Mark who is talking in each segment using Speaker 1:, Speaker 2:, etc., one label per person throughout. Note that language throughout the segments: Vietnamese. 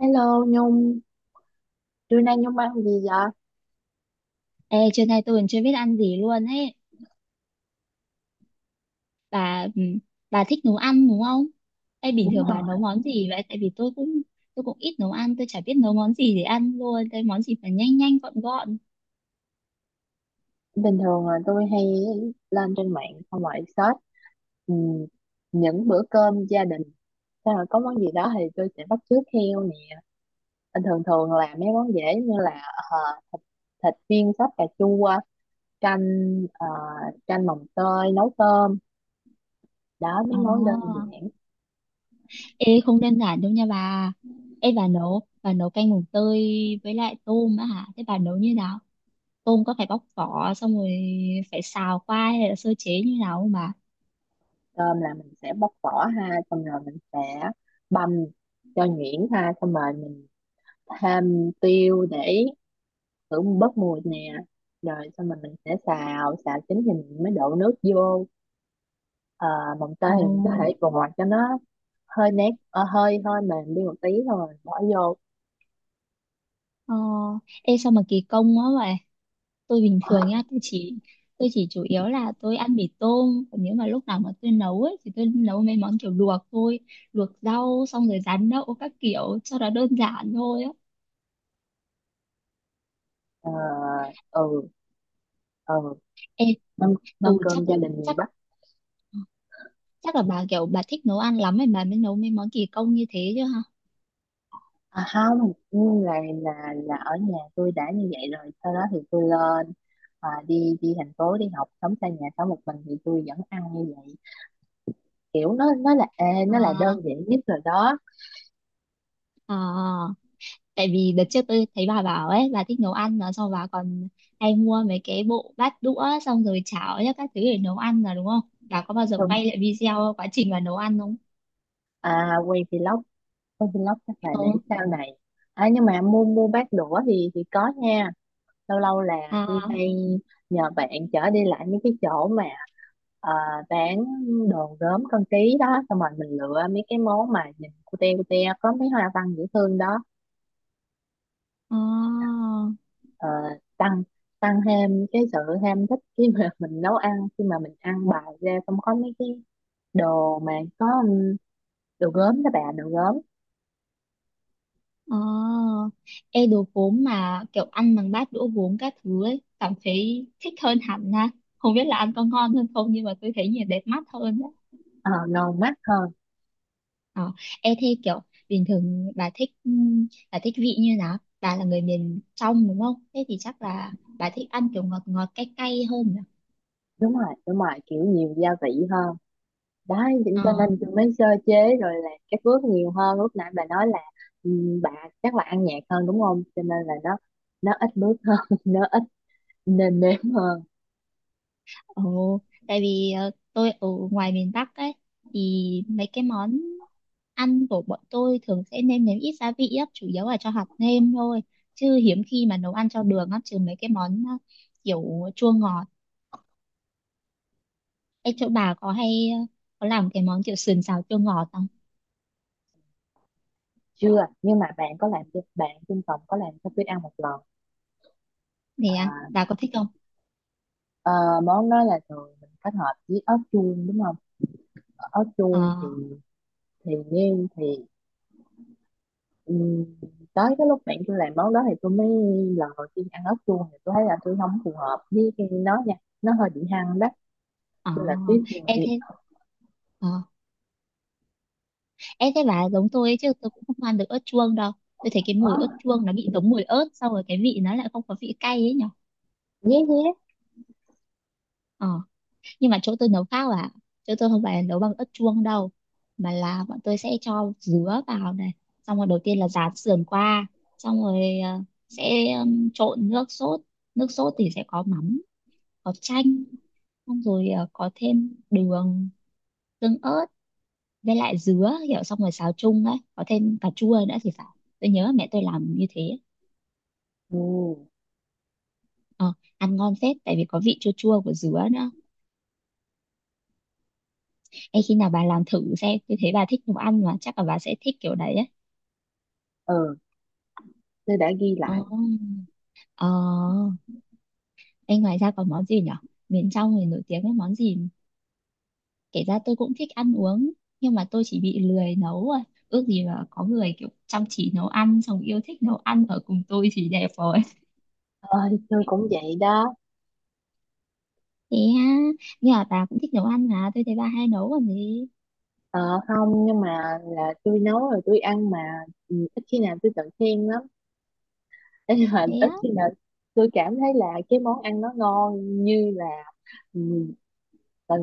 Speaker 1: Hello Nhung, trưa nay Nhung ăn gì vậy?
Speaker 2: Ê, trưa nay tôi còn chưa biết ăn gì luôn ấy. Bà ừ, bà thích nấu ăn đúng không? Ê, bình
Speaker 1: Đúng
Speaker 2: thường bà nấu
Speaker 1: rồi.
Speaker 2: món gì vậy? Tại vì tôi cũng ít nấu ăn, tôi chả biết nấu món gì để ăn luôn. Cái món gì phải nhanh nhanh gọn gọn.
Speaker 1: Bình thường là tôi hay lên trên mạng xong rồi search ừm, những bữa cơm gia đình. Xong rồi có món gì đó thì tôi sẽ bắt chước theo nè. Bình thường thường là mấy món dễ như là ờ, thịt, thịt viên sắp cà chua, canh ờ, canh mồng tơi, nấu cơm. Đó mấy món đơn
Speaker 2: Ồ.
Speaker 1: giản.
Speaker 2: Ê, không đơn giản đâu nha bà. Ê, bà nấu canh mùng tơi với lại tôm á hả? Thế bà nấu như nào? Tôm có phải bóc vỏ xong rồi phải xào qua hay là sơ chế như nào không bà?
Speaker 1: Cơm là mình sẽ bóc vỏ ha, xong rồi mình sẽ băm cho nhuyễn ha, xong rồi mình thêm tiêu để hưởng bớt mùi nè rồi xong rồi mình sẽ xào xào chín thì mình mới đổ nước vô. Ờ, mồng tơi
Speaker 2: Ồ.
Speaker 1: thì mình có thể vò cho nó hơi nét hơi hơi mềm đi một tí rồi mình bỏ vô.
Speaker 2: Ờ, ê sao mà kỳ công quá vậy? Tôi bình
Speaker 1: Ôi,
Speaker 2: thường nha tôi chỉ chủ yếu là tôi ăn mì tôm, còn nếu mà lúc nào mà tôi nấu ấy thì tôi nấu mấy món kiểu luộc thôi, luộc rau xong rồi rán đậu các kiểu cho nó đơn giản thôi á.
Speaker 1: ờ, ừ, ừ,
Speaker 2: Ê,
Speaker 1: mâm
Speaker 2: ừ,
Speaker 1: mâm
Speaker 2: chắc
Speaker 1: cơm gia đình miền
Speaker 2: chắc
Speaker 1: Bắc.
Speaker 2: chắc là bà kiểu bà thích nấu ăn lắm ấy bà mới nấu mấy món kỳ công như thế chứ hả?
Speaker 1: À, không nhưng là là ở nhà tôi đã như vậy rồi, sau đó thì tôi lên, à, đi đi thành phố đi học, sống xa nhà sống một mình thì tôi vẫn ăn như vậy. Kiểu nó là ê, nó là đơn
Speaker 2: À,
Speaker 1: giản nhất rồi đó.
Speaker 2: à, tại vì đợt trước tôi thấy bà bảo ấy bà thích nấu ăn mà xong bà còn hay mua mấy cái bộ bát đũa xong rồi chảo ấy, các thứ để nấu ăn là đúng không? Bà có bao giờ quay lại video quá trình bà nấu ăn không?
Speaker 1: À, quay vlog chắc là
Speaker 2: Ờ.
Speaker 1: để sau này. À, nhưng mà mua mua bát đũa thì có nha. Lâu lâu là tôi
Speaker 2: À,
Speaker 1: hay nhờ bạn chở đi lại mấy cái chỗ mà ờ, bán đồ gốm con tí đó, xong rồi mình lựa mấy cái món mà nhìn cute cute có mấy hoa văn dễ thương đó.
Speaker 2: à,
Speaker 1: Ờ, tăng tăng thêm cái sự ham thích khi mà mình nấu ăn, khi mà mình ăn bài ra xong có mấy cái đồ mà có đồ gốm đó bà, đồ gốm.
Speaker 2: à. Ê, đồ gốm mà kiểu ăn bằng bát đũa gốm các thứ ấy cảm thấy thích hơn hẳn ha, không biết là ăn có ngon hơn không nhưng mà tôi thấy nhìn đẹp mắt hơn.
Speaker 1: Ờ, ngon mắt hơn.
Speaker 2: Ờ, ê thế kiểu bình thường bà thích vị như nào? Bà là người miền trong đúng không? Thế thì chắc là bà thích ăn kiểu ngọt ngọt cay cay hơn nhỉ?
Speaker 1: Đúng rồi, đúng rồi, kiểu nhiều gia vị hơn, đấy chính
Speaker 2: Ờ.
Speaker 1: cho nên tôi mới sơ chế rồi là các bước nhiều hơn lúc nãy bà nói là ừ, bà chắc là ăn nhạt hơn đúng không, cho nên là nó ít bước hơn nó ít nêm nếm hơn.
Speaker 2: Ồ, tại vì tôi ở ngoài miền Bắc ấy thì mấy cái món ăn của bọn tôi thường sẽ nêm nếm ít gia vị á, chủ yếu là cho hạt nêm thôi, chứ hiếm khi mà nấu ăn cho đường á, trừ mấy cái món kiểu chua ngọt. Ê, chỗ bà có hay có làm cái món kiểu sườn xào chua ngọt không?
Speaker 1: Chưa, nhưng mà bạn có làm, cho bạn trên phòng có làm cho tôi ăn một lần. À,
Speaker 2: Thì bà có thích không?
Speaker 1: ờ, món đó là thường mình kết hợp với ớt chuông đúng không. Ở ớt
Speaker 2: Ờ.
Speaker 1: chuông thì thì nêm. Ừ, tới cái lúc bạn tôi làm món đó thì tôi mới lần đầu tiên ăn ốc chuông thì tôi thấy là tôi không phù hợp với cái nó nha, nó hơi bị hăng đó.
Speaker 2: Ờ,
Speaker 1: Tôi là tuyết người.
Speaker 2: em thế ờ, em thế bà giống tôi ấy, chứ tôi cũng không ăn được ớt chuông đâu. Tôi thấy cái mùi
Speaker 1: Ờ,
Speaker 2: ớt chuông nó bị giống mùi ớt, xong rồi cái vị nó lại không có vị cay ấy nhở.
Speaker 1: nhé nhé.
Speaker 2: Ờ, nhưng mà chỗ tôi nấu khác à, chỗ tôi không phải là nấu bằng ớt chuông đâu, mà là bọn tôi sẽ cho dứa vào này, xong rồi đầu tiên là rán sườn qua, xong rồi sẽ trộn nước sốt thì sẽ có mắm, có chanh, xong rồi có thêm đường, tương ớt, với lại dứa kiểu xong rồi xào chung ấy có thêm cà chua nữa thì phải, tôi nhớ mẹ tôi làm như thế.
Speaker 1: Ừ,
Speaker 2: Ờ, Ăn ngon phết tại vì có vị chua chua của dứa nữa. Ê, khi nào bà làm thử xem, tôi thấy bà thích nấu ăn mà chắc là bà sẽ thích kiểu đấy ấy.
Speaker 1: ừ, tôi đã ghi
Speaker 2: Ờ,
Speaker 1: lại.
Speaker 2: ờ. Ê, ngoài ra còn món gì nhở, miền trong thì nổi tiếng với món gì? Kể ra tôi cũng thích ăn uống nhưng mà tôi chỉ bị lười nấu rồi, ước gì mà có người kiểu chăm chỉ nấu ăn xong yêu thích nấu ăn ở cùng tôi thì đẹp rồi.
Speaker 1: Ờ, thì tôi cũng vậy đó.
Speaker 2: Thế ha, nhưng mà bà cũng thích nấu ăn mà tôi thấy bà hay nấu còn gì.
Speaker 1: Ờ, không nhưng mà là tôi nấu rồi tôi ăn mà. Ừ, ít khi nào tôi tự khen lắm. Thế nhưng mà
Speaker 2: Thế
Speaker 1: ít
Speaker 2: á?
Speaker 1: khi nào tôi cảm thấy là cái món ăn nó ngon như là ừ, là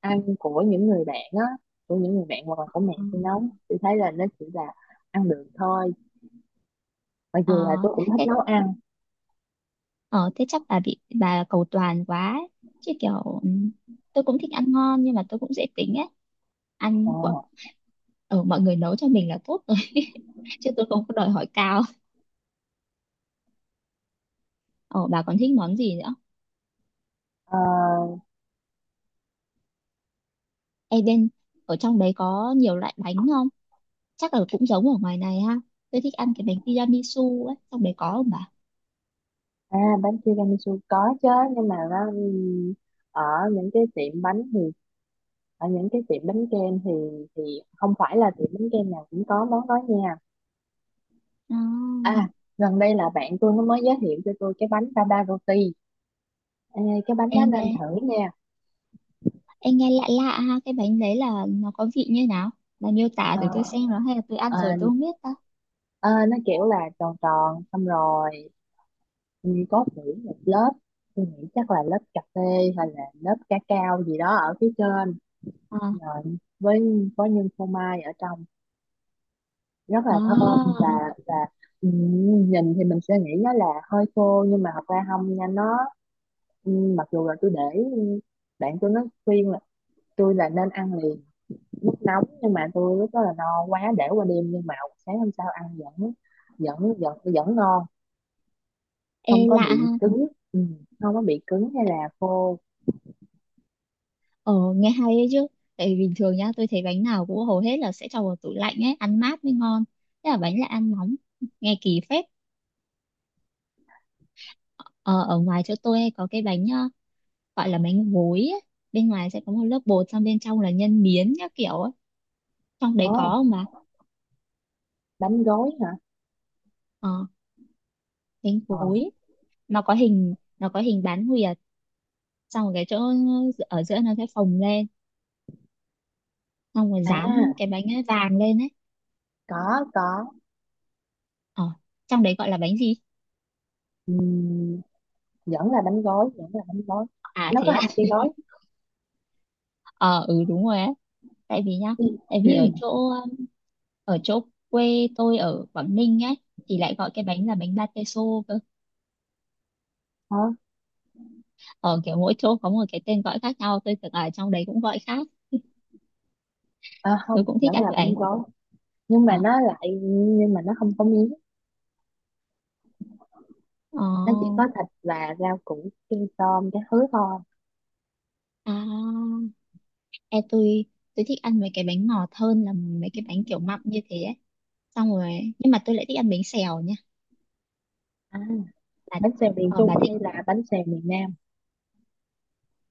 Speaker 1: ăn của những người bạn á, của những người bạn hoặc là của mẹ
Speaker 2: Ừ.
Speaker 1: tôi nấu, tôi thấy là nó chỉ là ăn được thôi, mặc
Speaker 2: ờ
Speaker 1: dù là tôi cũng thích
Speaker 2: thế
Speaker 1: nấu ăn.
Speaker 2: ờ thế chắc bà bị cầu toàn quá ấy. Chứ kiểu tôi cũng thích ăn ngon nhưng mà tôi cũng dễ tính ấy,
Speaker 1: Ờ,
Speaker 2: ăn của mọi người nấu cho mình là tốt rồi chứ tôi không có đòi hỏi cao. Ờ bà còn thích món gì nữa?
Speaker 1: ờ,
Speaker 2: Ê, bên ở trong đấy có nhiều loại bánh không? Chắc là cũng giống ở ngoài này ha. Tôi thích ăn cái bánh tiramisu ấy, trong đấy có không bà?
Speaker 1: à bánh tiramisu có chứ, nhưng mà nó ở những cái tiệm bánh thì ở những cái tiệm bánh kem thì thì không phải là tiệm bánh kem nào cũng có món đó nha.
Speaker 2: À,
Speaker 1: À, gần đây là bạn tôi nó mới giới thiệu cho tôi cái bánh baba roti. Ê, cái bánh đó
Speaker 2: em
Speaker 1: nên
Speaker 2: nghe
Speaker 1: thử nha.
Speaker 2: Em nghe lạ lạ ha, cái bánh đấy là nó có vị như nào? Bà miêu tả
Speaker 1: Ờ,
Speaker 2: thử tôi xem, nó hay là tôi ăn rồi
Speaker 1: ờ,
Speaker 2: tôi không biết ta.
Speaker 1: ờ, nó kiểu là tròn tròn xong rồi. Ừ, có nghĩ một lớp, tôi nghĩ chắc là lớp cà phê hay là lớp ca cao gì đó ở phía trên,
Speaker 2: À,
Speaker 1: rồi với có nhân phô mai ở trong, rất là thơm
Speaker 2: à,
Speaker 1: và và ừ, nhìn thì mình sẽ nghĩ nó là hơi khô nhưng mà thật ra không nha. Nó ừ, mặc dù là tôi để ừ, bạn tôi nó khuyên là tôi là nên ăn liền lúc nóng, nhưng mà tôi lúc đó là no quá để qua đêm, nhưng mà sáng hôm sau ăn vẫn vẫn ngon,
Speaker 2: ê
Speaker 1: không có
Speaker 2: lạ
Speaker 1: bị
Speaker 2: ha.
Speaker 1: cứng. Ừ, không có bị cứng hay là khô.
Speaker 2: Ờ, nghe hay đấy chứ. Tại vì bình thường nhá, tôi thấy bánh nào cũng hầu hết là sẽ cho vào tủ lạnh ấy, ăn mát mới ngon. Thế là bánh lại ăn nóng, nghe kỳ phết. Ờ, ở ngoài chỗ tôi hay có cái bánh gọi là bánh gối ấy. Bên ngoài sẽ có một lớp bột, xong bên trong là nhân miến các kiểu ấy. Trong
Speaker 1: Ờ.
Speaker 2: đấy có mà.
Speaker 1: Bánh gói hả?
Speaker 2: Ờ, bánh
Speaker 1: Ờ,
Speaker 2: gối. Nó có hình bán nguyệt, xong rồi cái chỗ ở giữa nó sẽ phồng lên, xong rồi dán
Speaker 1: à,
Speaker 2: cái bánh ấy vàng lên ấy.
Speaker 1: có có.
Speaker 2: ờ Trong đấy gọi là bánh gì?
Speaker 1: Ừm, vẫn là bánh gói, vẫn là bánh gói.
Speaker 2: À,
Speaker 1: Nó
Speaker 2: thế
Speaker 1: có
Speaker 2: à?
Speaker 1: hình cây gói.
Speaker 2: Ờ ừ, đúng rồi ấy, tại vì nhá,
Speaker 1: Ừ.
Speaker 2: tại vì ở chỗ um, ở chỗ quê tôi ở Quảng Ninh ấy, thì lại gọi cái bánh là bánh ba tê xô cơ,
Speaker 1: Hả?
Speaker 2: ở kiểu mỗi chỗ có một cái tên gọi khác nhau, tôi tưởng ở trong đấy cũng gọi khác.
Speaker 1: À,
Speaker 2: Tôi
Speaker 1: không
Speaker 2: cũng thích
Speaker 1: vẫn
Speaker 2: ăn
Speaker 1: là bánh
Speaker 2: bánh.
Speaker 1: gói, nhưng
Speaker 2: ờ
Speaker 1: mà nó lại, nhưng mà nó không có miếng, nó chỉ
Speaker 2: ờ
Speaker 1: có thịt và rau củ chân tôm cái thứ thôi.
Speaker 2: à e tôi tôi thích ăn mấy cái bánh ngọt hơn là mấy cái bánh kiểu mặn như thế ấy, xong rồi nhưng mà tôi lại thích ăn bánh xèo nhá.
Speaker 1: À,
Speaker 2: Bà,
Speaker 1: bánh xèo miền
Speaker 2: ờ,
Speaker 1: Trung
Speaker 2: bà thích.
Speaker 1: hay là bánh xèo miền Nam?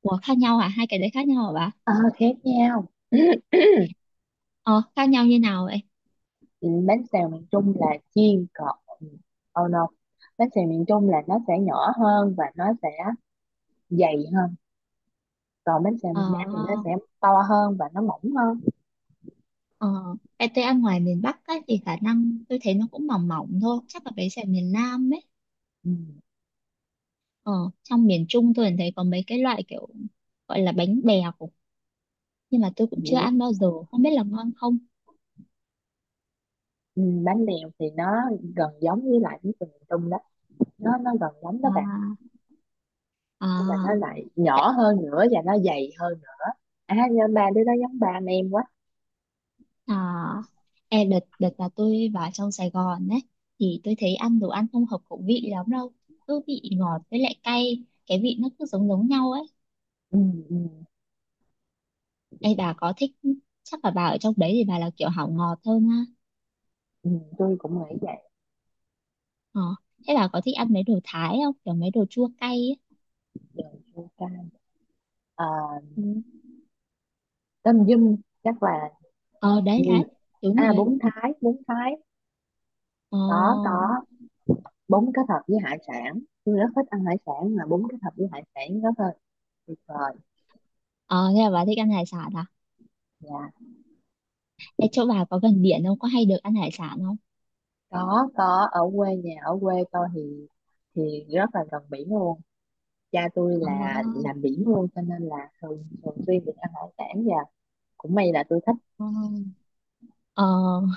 Speaker 2: Ủa, khác nhau hả? Hai cái đấy khác nhau hả bà?
Speaker 1: Ờ, khác nhau.
Speaker 2: Ờ, khác nhau như nào vậy?
Speaker 1: Ừ, bánh xèo miền Trung là chiên cọt, oh no, bánh xèo miền Trung là nó sẽ nhỏ hơn và nó sẽ dày hơn, còn bánh xèo
Speaker 2: Ờ,
Speaker 1: miền Nam thì nó sẽ to hơn và nó mỏng hơn.
Speaker 2: ờ, cái tôi ăn ngoài miền Bắc ấy, thì khả năng tôi thấy nó cũng mỏng mỏng thôi, chắc là bánh xèo miền Nam ấy.
Speaker 1: Ừ,
Speaker 2: Ờ, trong miền Trung tôi thấy có mấy cái loại kiểu gọi là bánh bèo, nhưng mà tôi cũng chưa
Speaker 1: dĩa.
Speaker 2: ăn bao giờ, không biết là ngon không?
Speaker 1: Ừ, bánh bèo thì nó gần giống với lại bánh xèo miền Trung đó, nó gần giống đó bạn.
Speaker 2: À,
Speaker 1: Nhưng mà nó
Speaker 2: à,
Speaker 1: lại nhỏ hơn nữa và nó dày hơn nữa. À nhưng ba đứa đó giống ba anh em quá.
Speaker 2: à, e đợt đợt là tôi vào trong Sài Gòn ấy thì tôi thấy ăn đồ ăn không hợp khẩu vị lắm đâu, cứ vị ngọt với lại cay, cái vị nó cứ giống giống nhau ấy.
Speaker 1: Ừ, ừ,
Speaker 2: Ê bà có thích Chắc là bà ở trong đấy thì bà là kiểu hảo ngọt hơn ha.
Speaker 1: ừ, tôi cũng nghĩ vậy.
Speaker 2: Ờ, thế bà có thích ăn mấy đồ Thái không? Kiểu mấy đồ chua cay ấy.
Speaker 1: Rồi, chua cay. À,
Speaker 2: Ừ.
Speaker 1: tôm dung, chắc là
Speaker 2: Ờ, đấy
Speaker 1: ừ.
Speaker 2: đấy, đúng rồi
Speaker 1: À,
Speaker 2: ấy.
Speaker 1: bún Thái.
Speaker 2: Ờ.
Speaker 1: Có, bún kết hợp với hải sản, tôi rất thích ăn hải sản, mà bún kết hợp với hải sản rất là tuyệt vời.
Speaker 2: Ờ, thế là bà thích ăn hải sản à?
Speaker 1: Dạ.
Speaker 2: Ê, chỗ bà có gần biển không? Có hay được ăn hải sản không?
Speaker 1: Có, ở quê nhà, ở quê tôi thì rất là gần biển luôn. Cha tôi
Speaker 2: Ờ.
Speaker 1: là làm biển luôn cho nên là thường thường xuyên được ăn hải sản, và cũng may là tôi thích.
Speaker 2: Ờ. Ờ.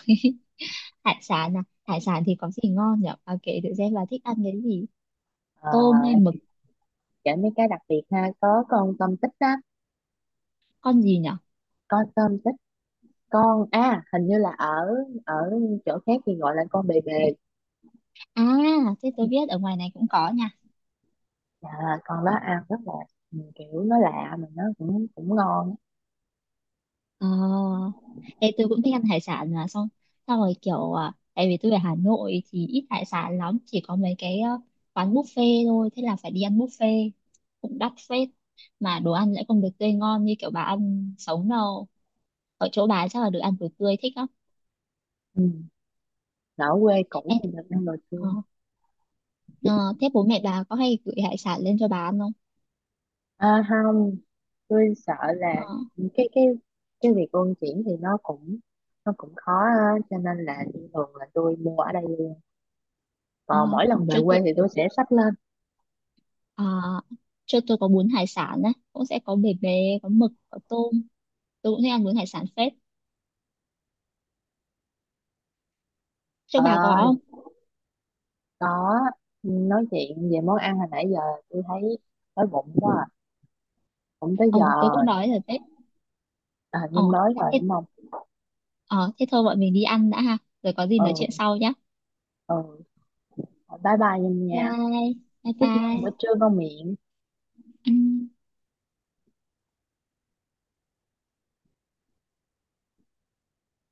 Speaker 2: Hải sản à, hải sản thì có gì ngon nhỉ? Kể thử xem là thích ăn cái gì,
Speaker 1: Ờ,
Speaker 2: tôm hay mực?
Speaker 1: kể mấy cái đặc biệt ha, có con tôm tích á.
Speaker 2: Con gì nhỉ?
Speaker 1: Con tôm tích, con, à hình như là ở ở chỗ khác thì gọi là con bề bề.
Speaker 2: À, thế tôi biết ở ngoài này cũng có nha.
Speaker 1: À, con đó ăn rất là ừ, kiểu nó lạ mà nó cũng cũng ngon á.
Speaker 2: ờ Thế tôi cũng thích ăn hải sản mà xong, xong rồi kiểu tại vì tôi ở Hà Nội thì ít hải sản lắm, chỉ có mấy cái quán buffet thôi, thế là phải đi ăn buffet cũng đắt phết, mà đồ ăn lại không được tươi ngon như kiểu bà ăn sống đâu, ở chỗ bà chắc là được ăn đồ tươi thích lắm.
Speaker 1: Ừ. Ở quê cũ
Speaker 2: Em-
Speaker 1: thì được ăn đồ tươi.
Speaker 2: Ờ, ờ, thế bố mẹ bà có hay gửi hải sản lên cho bà ăn không?
Speaker 1: À, không, tôi sợ
Speaker 2: Ờ.
Speaker 1: là cái cái cái việc luân chuyển thì nó cũng khó á, cho nên là thường là tôi mua ở đây luôn,
Speaker 2: À,
Speaker 1: còn mỗi lần về
Speaker 2: cho tôi
Speaker 1: quê thì tôi sẽ xách lên.
Speaker 2: à, cho tôi có bún hải sản đấy cũng sẽ có bể bề, có mực, có tôm, tôi cũng thích ăn bún hải sản phết, cho
Speaker 1: Ờ,
Speaker 2: bà có không?
Speaker 1: có. Nói chuyện về món ăn hồi nãy giờ tôi thấy đói bụng quá à. Cũng tới
Speaker 2: Ờ
Speaker 1: giờ
Speaker 2: tôi
Speaker 1: rồi.
Speaker 2: cũng đói rồi phết.
Speaker 1: À,
Speaker 2: ờ
Speaker 1: Nhung đói rồi
Speaker 2: thế,
Speaker 1: đúng không?
Speaker 2: ờ, thế thôi bọn mình đi ăn đã ha, rồi có gì nói chuyện
Speaker 1: Ừ,
Speaker 2: sau nhé.
Speaker 1: ừ. Thôi, bye bye Nhung
Speaker 2: Bye
Speaker 1: nha,
Speaker 2: bye. Bye
Speaker 1: chúc Nhung bữa
Speaker 2: bye.
Speaker 1: trưa ngon miệng.
Speaker 2: Ừm.